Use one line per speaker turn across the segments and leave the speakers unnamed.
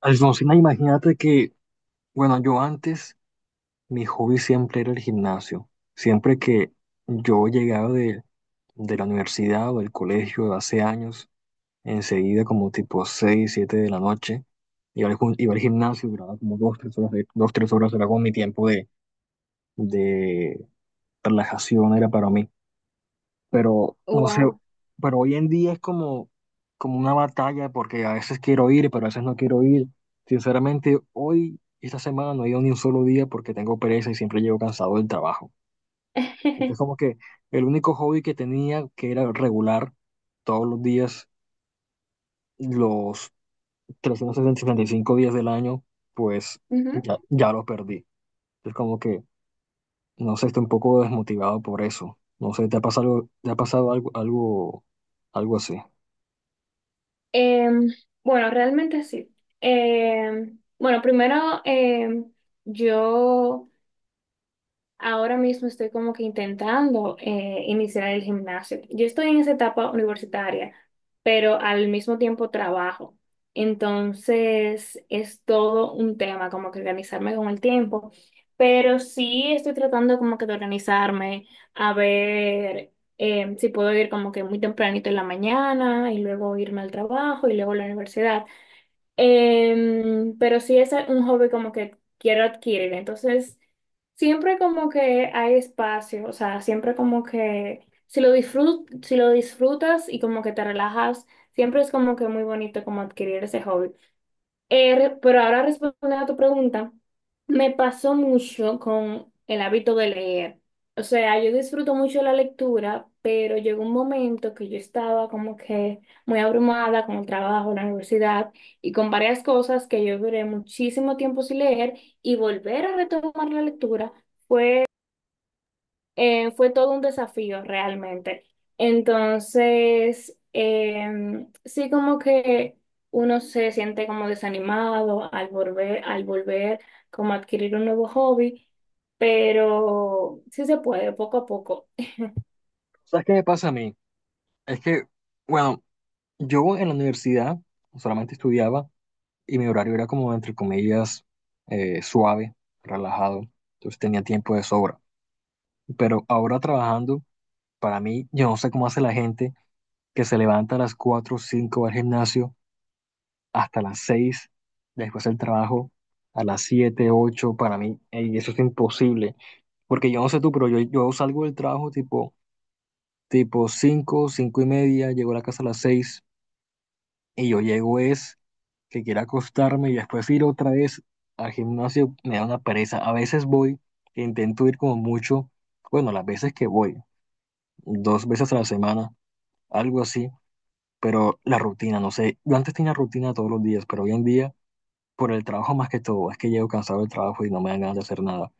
Alfonsina, imagínate que, bueno, yo antes, mi hobby siempre era el gimnasio. Siempre que yo llegaba de la universidad o del colegio hace años, enseguida como tipo 6 7 de la noche, iba al gimnasio, duraba como 2 3 horas, dos, tres horas, era como mi tiempo de relajación, era para mí, pero no sé,
Wow.
pero hoy en día es como una batalla porque a veces quiero ir, pero a veces no quiero ir. Sinceramente, hoy, esta semana, no he ido ni un solo día porque tengo pereza y siempre llego cansado del trabajo. Entonces, como que el único hobby que tenía, que era regular, todos los días, los 365 días del año, pues
Ujú.
ya, ya lo perdí. Entonces, como que, no sé, estoy un poco desmotivado por eso. No sé, ¿te ha pasado algo así?
Em, bueno, realmente sí. Bueno, primero em, yo Ahora mismo estoy como que intentando iniciar el gimnasio. Yo estoy en esa etapa universitaria, pero al mismo tiempo trabajo. Entonces es todo un tema, como que organizarme con el tiempo. Pero sí estoy tratando como que de organizarme, a ver si puedo ir como que muy tempranito en la mañana y luego irme al trabajo y luego a la universidad. Pero sí es un hobby como que quiero adquirir. Entonces, siempre como que hay espacio, o sea, siempre como que si lo disfrutas y como que te relajas, siempre es como que muy bonito como adquirir ese hobby. Pero ahora respondiendo a tu pregunta, me pasó mucho con el hábito de leer. O sea, yo disfruto mucho la lectura, pero llegó un momento que yo estaba como que muy abrumada con el trabajo, la universidad y con varias cosas que yo duré muchísimo tiempo sin leer y volver a retomar la lectura fue todo un desafío realmente. Entonces, sí como que uno se siente como desanimado al volver como a adquirir un nuevo hobby, pero sí se puede, poco a poco.
¿Sabes qué me pasa a mí? Es que, bueno, yo en la universidad solamente estudiaba y mi horario era como, entre comillas, suave, relajado. Entonces tenía tiempo de sobra. Pero ahora trabajando, para mí, yo no sé cómo hace la gente que se levanta a las 4 o 5 al gimnasio hasta las 6 después del trabajo a las 7 ocho. Para mí, ey, eso es imposible. Porque yo no sé tú, pero yo salgo del trabajo tipo 5 5 y media, llego a la casa a las 6 y yo llego es que quiero acostarme y después ir otra vez al gimnasio me da una pereza. A veces voy, que intento ir como mucho, bueno, las veces que voy, dos veces a la semana, algo así, pero la rutina, no sé, yo antes tenía rutina todos los días, pero hoy en día, por el trabajo más que todo, es que llego cansado del trabajo y no me dan ganas de hacer nada.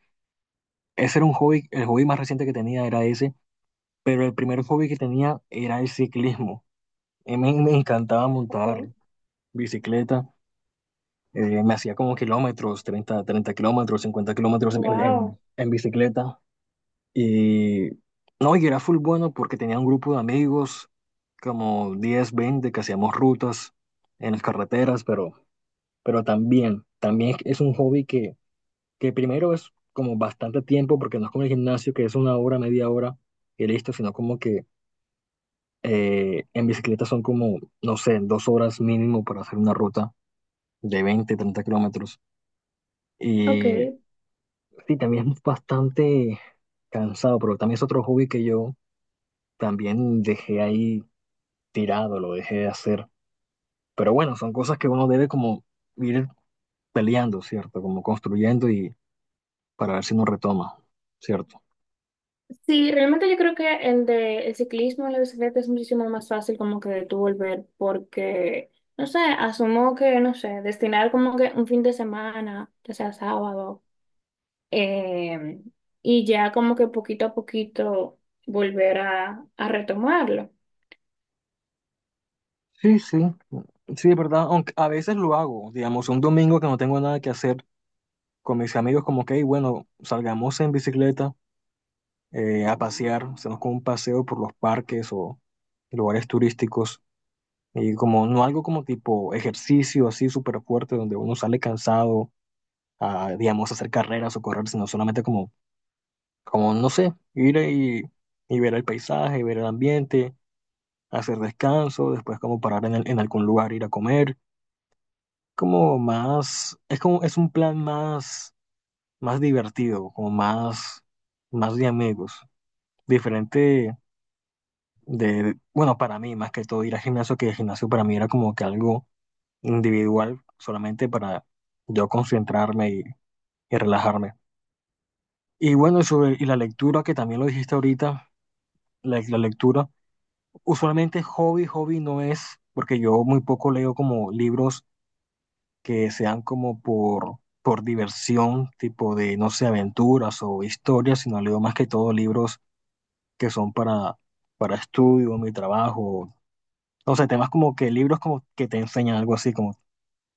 Ese era un hobby, el hobby más reciente que tenía era ese, pero el primer hobby que tenía era el ciclismo. Y me encantaba montar
Okay.
bicicleta. Me hacía como kilómetros, 30 30 kilómetros, 50 kilómetros
Wow.
en bicicleta. Y no, y era full bueno porque tenía un grupo de amigos, como 10 20 que hacíamos rutas en las carreteras, pero también, también es un hobby que primero es como bastante tiempo, porque no es como el gimnasio, que es una hora, media hora y listo, sino como que en bicicleta son como, no sé, dos horas mínimo para hacer una ruta de 20 30 kilómetros.
Ok.
Y sí, también es bastante cansado, pero también es otro hobby que yo también dejé ahí tirado, lo dejé de hacer. Pero bueno, son cosas que uno debe como ir peleando, ¿cierto? Como construyendo y para ver si uno retoma, ¿cierto?
Sí, realmente yo creo que el de el ciclismo en la bicicleta es muchísimo más fácil como que de tú volver porque, no sé, asumo que, no sé, destinar como que un fin de semana, ya sea sábado eh, y ya como que poquito a poquito a retomarlo.
Sí, sí, sí, es verdad. Aunque a veces lo hago, digamos, un domingo que no tengo nada que hacer con mis amigos, como que, "Hey, bueno, salgamos en bicicleta a pasear, hacemos como un paseo por los parques o lugares turísticos. Y como no algo como tipo ejercicio así súper fuerte donde uno sale cansado a, digamos, hacer carreras o correr, sino solamente como no sé, ir y ver el paisaje, ver el ambiente, hacer descanso, después como parar en, en algún lugar, ir a comer, como más, es como, es un plan más, más divertido, como más, más de amigos, diferente de, bueno, para mí más que todo ir al gimnasio, que el gimnasio para mí era como que algo individual solamente para yo concentrarme y relajarme. Y bueno, y la lectura, que también lo dijiste ahorita, la lectura, usualmente hobby, hobby no es, porque yo muy poco leo como libros que sean como por diversión, tipo de, no sé, aventuras o historias, sino leo más que todo libros que son para estudio, mi trabajo, no sé, temas como que libros como que te enseñan algo así, como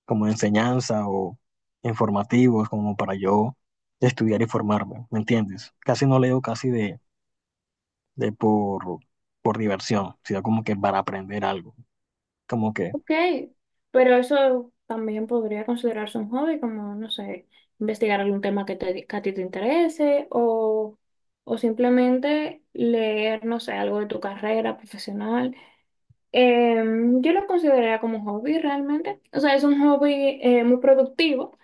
como enseñanza o informativos, como para yo estudiar y formarme, ¿me entiendes? Casi no leo casi de por diversión, sino como que para aprender algo, como que...
Ok, pero eso también podría considerarse un hobby, como, no sé, investigar algún tema que a ti te interese o simplemente leer, no sé, algo de tu carrera profesional. Eh, yo lo consideraría como un hobby realmente. O sea, es un hobby muy productivo,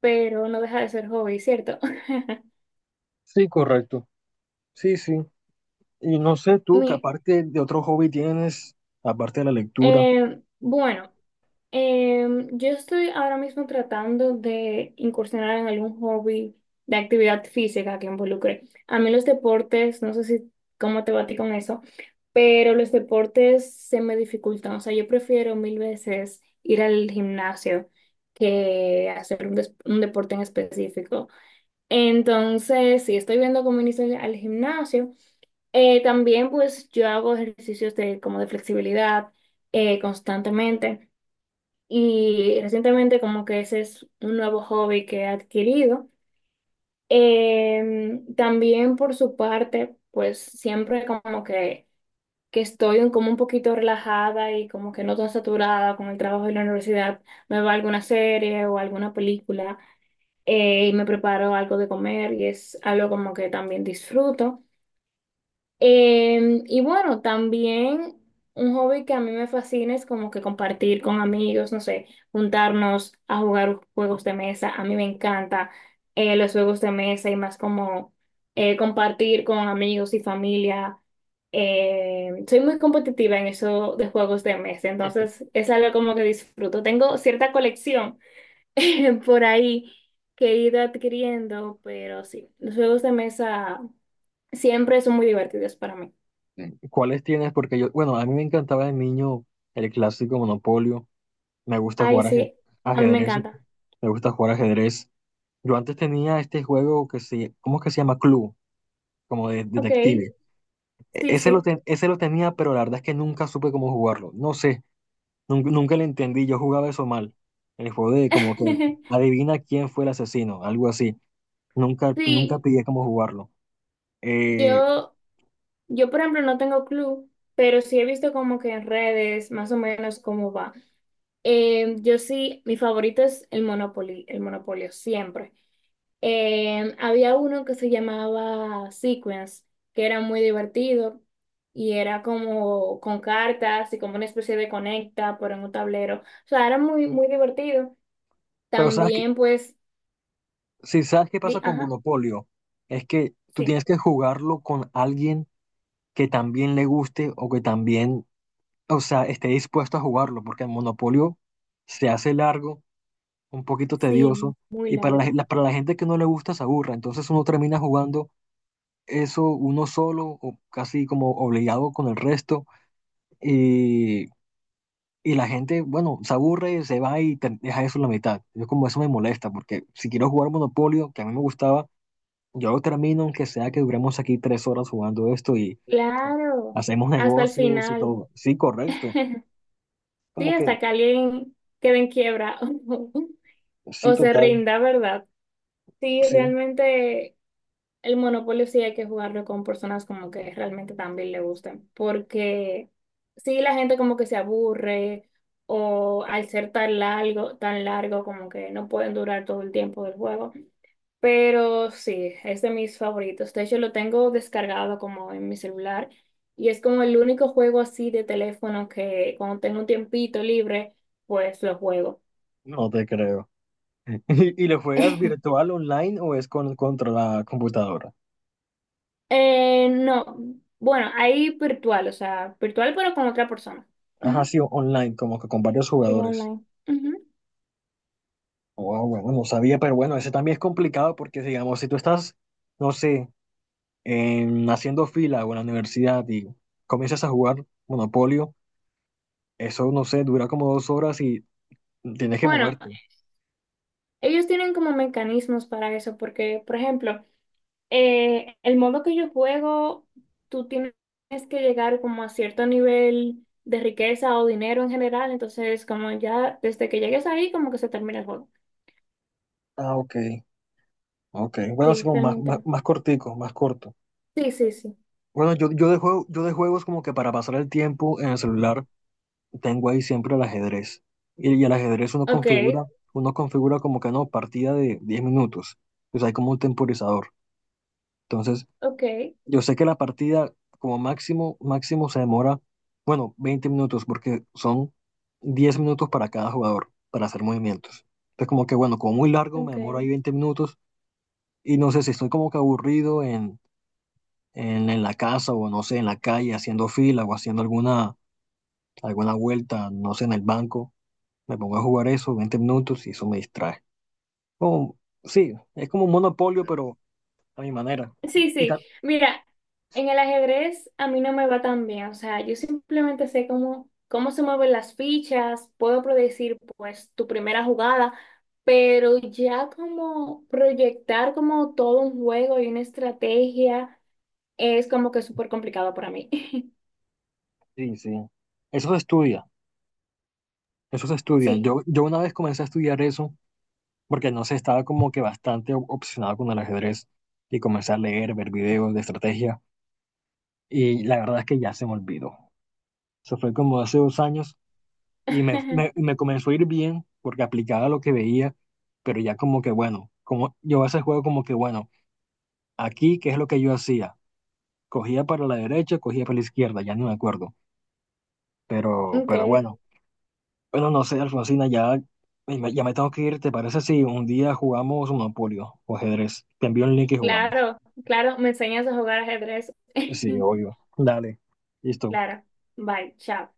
pero no deja de ser hobby, ¿cierto?
Sí, correcto. Sí, sí. Y no sé tú, que
Mi-
aparte de otro hobby tienes, aparte de la lectura.
bueno. Yo estoy ahora mismo tratando de incursionar en algún hobby de actividad física que involucre. A mí los deportes, no sé si cómo te va a ti con eso, pero los deportes se me dificultan. O sea, yo prefiero mil veces ir al gimnasio que hacer un deporte en específico. Entonces, sí, estoy viendo cómo iniciar al gimnasio. También, pues, yo hago ejercicios de, como de flexibilidad constantemente. Y recientemente como que ese es un nuevo hobby que he adquirido. También por su parte, pues siempre como que estoy como un poquito relajada y como que no tan saturada con el trabajo de la universidad, me va alguna serie o alguna película y me preparo algo de comer y es algo como que también disfruto. Y bueno, también un hobby que a mí me fascina es como que compartir con amigos, no sé, juntarnos a jugar juegos de mesa. A mí me encanta los juegos de mesa y más como compartir con amigos y familia. Soy muy competitiva en eso de juegos de mesa, entonces es algo como que disfruto. Tengo cierta colección por ahí que he ido adquiriendo, pero sí, los juegos de mesa siempre son muy divertidos para mí.
Sí. ¿Cuáles tienes? Porque yo, bueno, a mí me encantaba de niño el clásico Monopolio. Me gusta
Ay,
jugar
sí, a mí me
ajedrez.
encanta.
Me gusta jugar ajedrez. Yo antes tenía este juego que se, ¿cómo es que se llama? Club, como de
Ok,
detective. E-
sí,
Ese lo,
sí.
ten- ese lo tenía, pero la verdad es que nunca supe cómo jugarlo. No sé, nunca, nunca le entendí. Yo jugaba eso mal. El juego de como que adivina quién fue el asesino, algo así. Nunca, nunca
Sí,
pillé cómo jugarlo. Eh,
yo, yo por ejemplo no tengo club, pero sí he visto como que en redes más o menos cómo va. Yo sí, mi favorito es el Monopoly, el Monopolio, siempre. Había uno que se llamaba Sequence, que era muy divertido y era como con cartas y como una especie de conecta, pero en un tablero. O sea, era muy, muy divertido.
pero
También pues,
si sabes qué pasa
di,
con
ajá.
Monopolio, es que tú
Sí.
tienes que jugarlo con alguien que también le guste o que también, o sea, esté dispuesto a jugarlo, porque el Monopolio se hace largo, un poquito
Sí,
tedioso,
muy
y para la, gen-
largo.
la- para la gente que no le gusta se aburra. Entonces uno termina jugando eso uno solo o casi como obligado con el resto y, y la gente, bueno, se aburre, se va y deja eso en la mitad. Yo como eso me molesta porque si quiero jugar Monopolio, que a mí me gustaba, yo lo termino aunque sea que duremos aquí tres horas jugando esto y
Claro,
hacemos
hasta el
negocios y
final.
todo. Sí, correcto.
Sí,
Como que
hasta que alguien quede en quiebra
sí,
o se
total,
rinda, ¿verdad? Sí,
sí,
realmente el monopolio sí hay que jugarlo con personas como que realmente también le gusten, porque sí, la gente como que se aburre o al ser tan largo como que no pueden durar todo el tiempo del juego. Pero sí, es de mis favoritos. De hecho, lo tengo descargado como en mi celular y es como el único juego así de teléfono que cuando tengo un tiempito libre, pues lo juego.
no te creo. ¿Y lo juegas virtual online o es contra la computadora?
No, bueno, ahí virtual, o sea, virtual pero con otra persona.
Ajá,
Ujú.
sí, online, como que con varios
Sí,
jugadores.
online. Ujú.
Wow, bueno, no sabía, pero bueno, ese también es complicado porque, digamos, si tú estás, no sé, haciendo fila o en la universidad y comienzas a jugar Monopolio, eso, no sé, dura como dos horas y tienes que
Bueno,
moverte.
ellos tienen como mecanismos para eso, porque, por ejemplo, el modo que yo juego, tú tienes que llegar como a cierto nivel de riqueza o dinero en general, entonces como ya desde que llegues ahí como que se termina el juego.
Ah, ok, ok. Bueno, así
Sí,
como más, más,
realmente.
más cortico, más corto.
Sí, sí, sí.
Bueno, yo de juegos como que para pasar el tiempo en el celular tengo ahí siempre el ajedrez. Y el ajedrez uno
Ok,
configura, uno configura como que no, partida de 10 minutos. Pues hay como un temporizador. Entonces,
ok,
yo sé que la partida como máximo, máximo se demora, bueno, 20 minutos, porque son 10 minutos para cada jugador, para hacer movimientos. Entonces, como que bueno, como muy largo, me
ok.
demoro ahí 20 minutos. Y no sé si estoy como que aburrido en la casa o no sé, en la calle, haciendo fila o haciendo alguna vuelta, no sé, en el banco. Me pongo a jugar eso 20 minutos y eso me distrae. Como, sí, es como un monopolio, pero a mi manera. Y,
Sí,
y
sí.
ta-
Mira, en el ajedrez a mí no me va tan bien. O sea, yo simplemente sé cómo, cómo se mueven las fichas, puedo predecir pues tu primera jugada, pero ya como proyectar como todo un juego y una estrategia es como que súper complicado para mí.
sí, sí. Eso se estudia, eso se estudia.
Sí.
Yo una vez comencé a estudiar eso porque no sé, estaba como que bastante obsesionado con el ajedrez y comencé a leer, ver videos de estrategia y la verdad es que ya se me olvidó. Eso fue como hace 2 años y me, me, me comenzó a ir bien porque aplicaba lo que veía, pero ya como que bueno, como yo a ese juego como que bueno, aquí, ¿qué es lo que yo hacía? Cogía para la derecha, cogía para la izquierda, ya no me acuerdo. Pero,
Ok.
pero bueno, bueno, no sé, Alfonsina, ya me tengo que ir. ¿Te parece si un día jugamos Monopolio o ajedrez? Te envío el link y jugamos.
Claro, claro, me enseñas a jugar ajedrez.
Sí, obvio. Dale. Listo.
Claro. Bye, chao.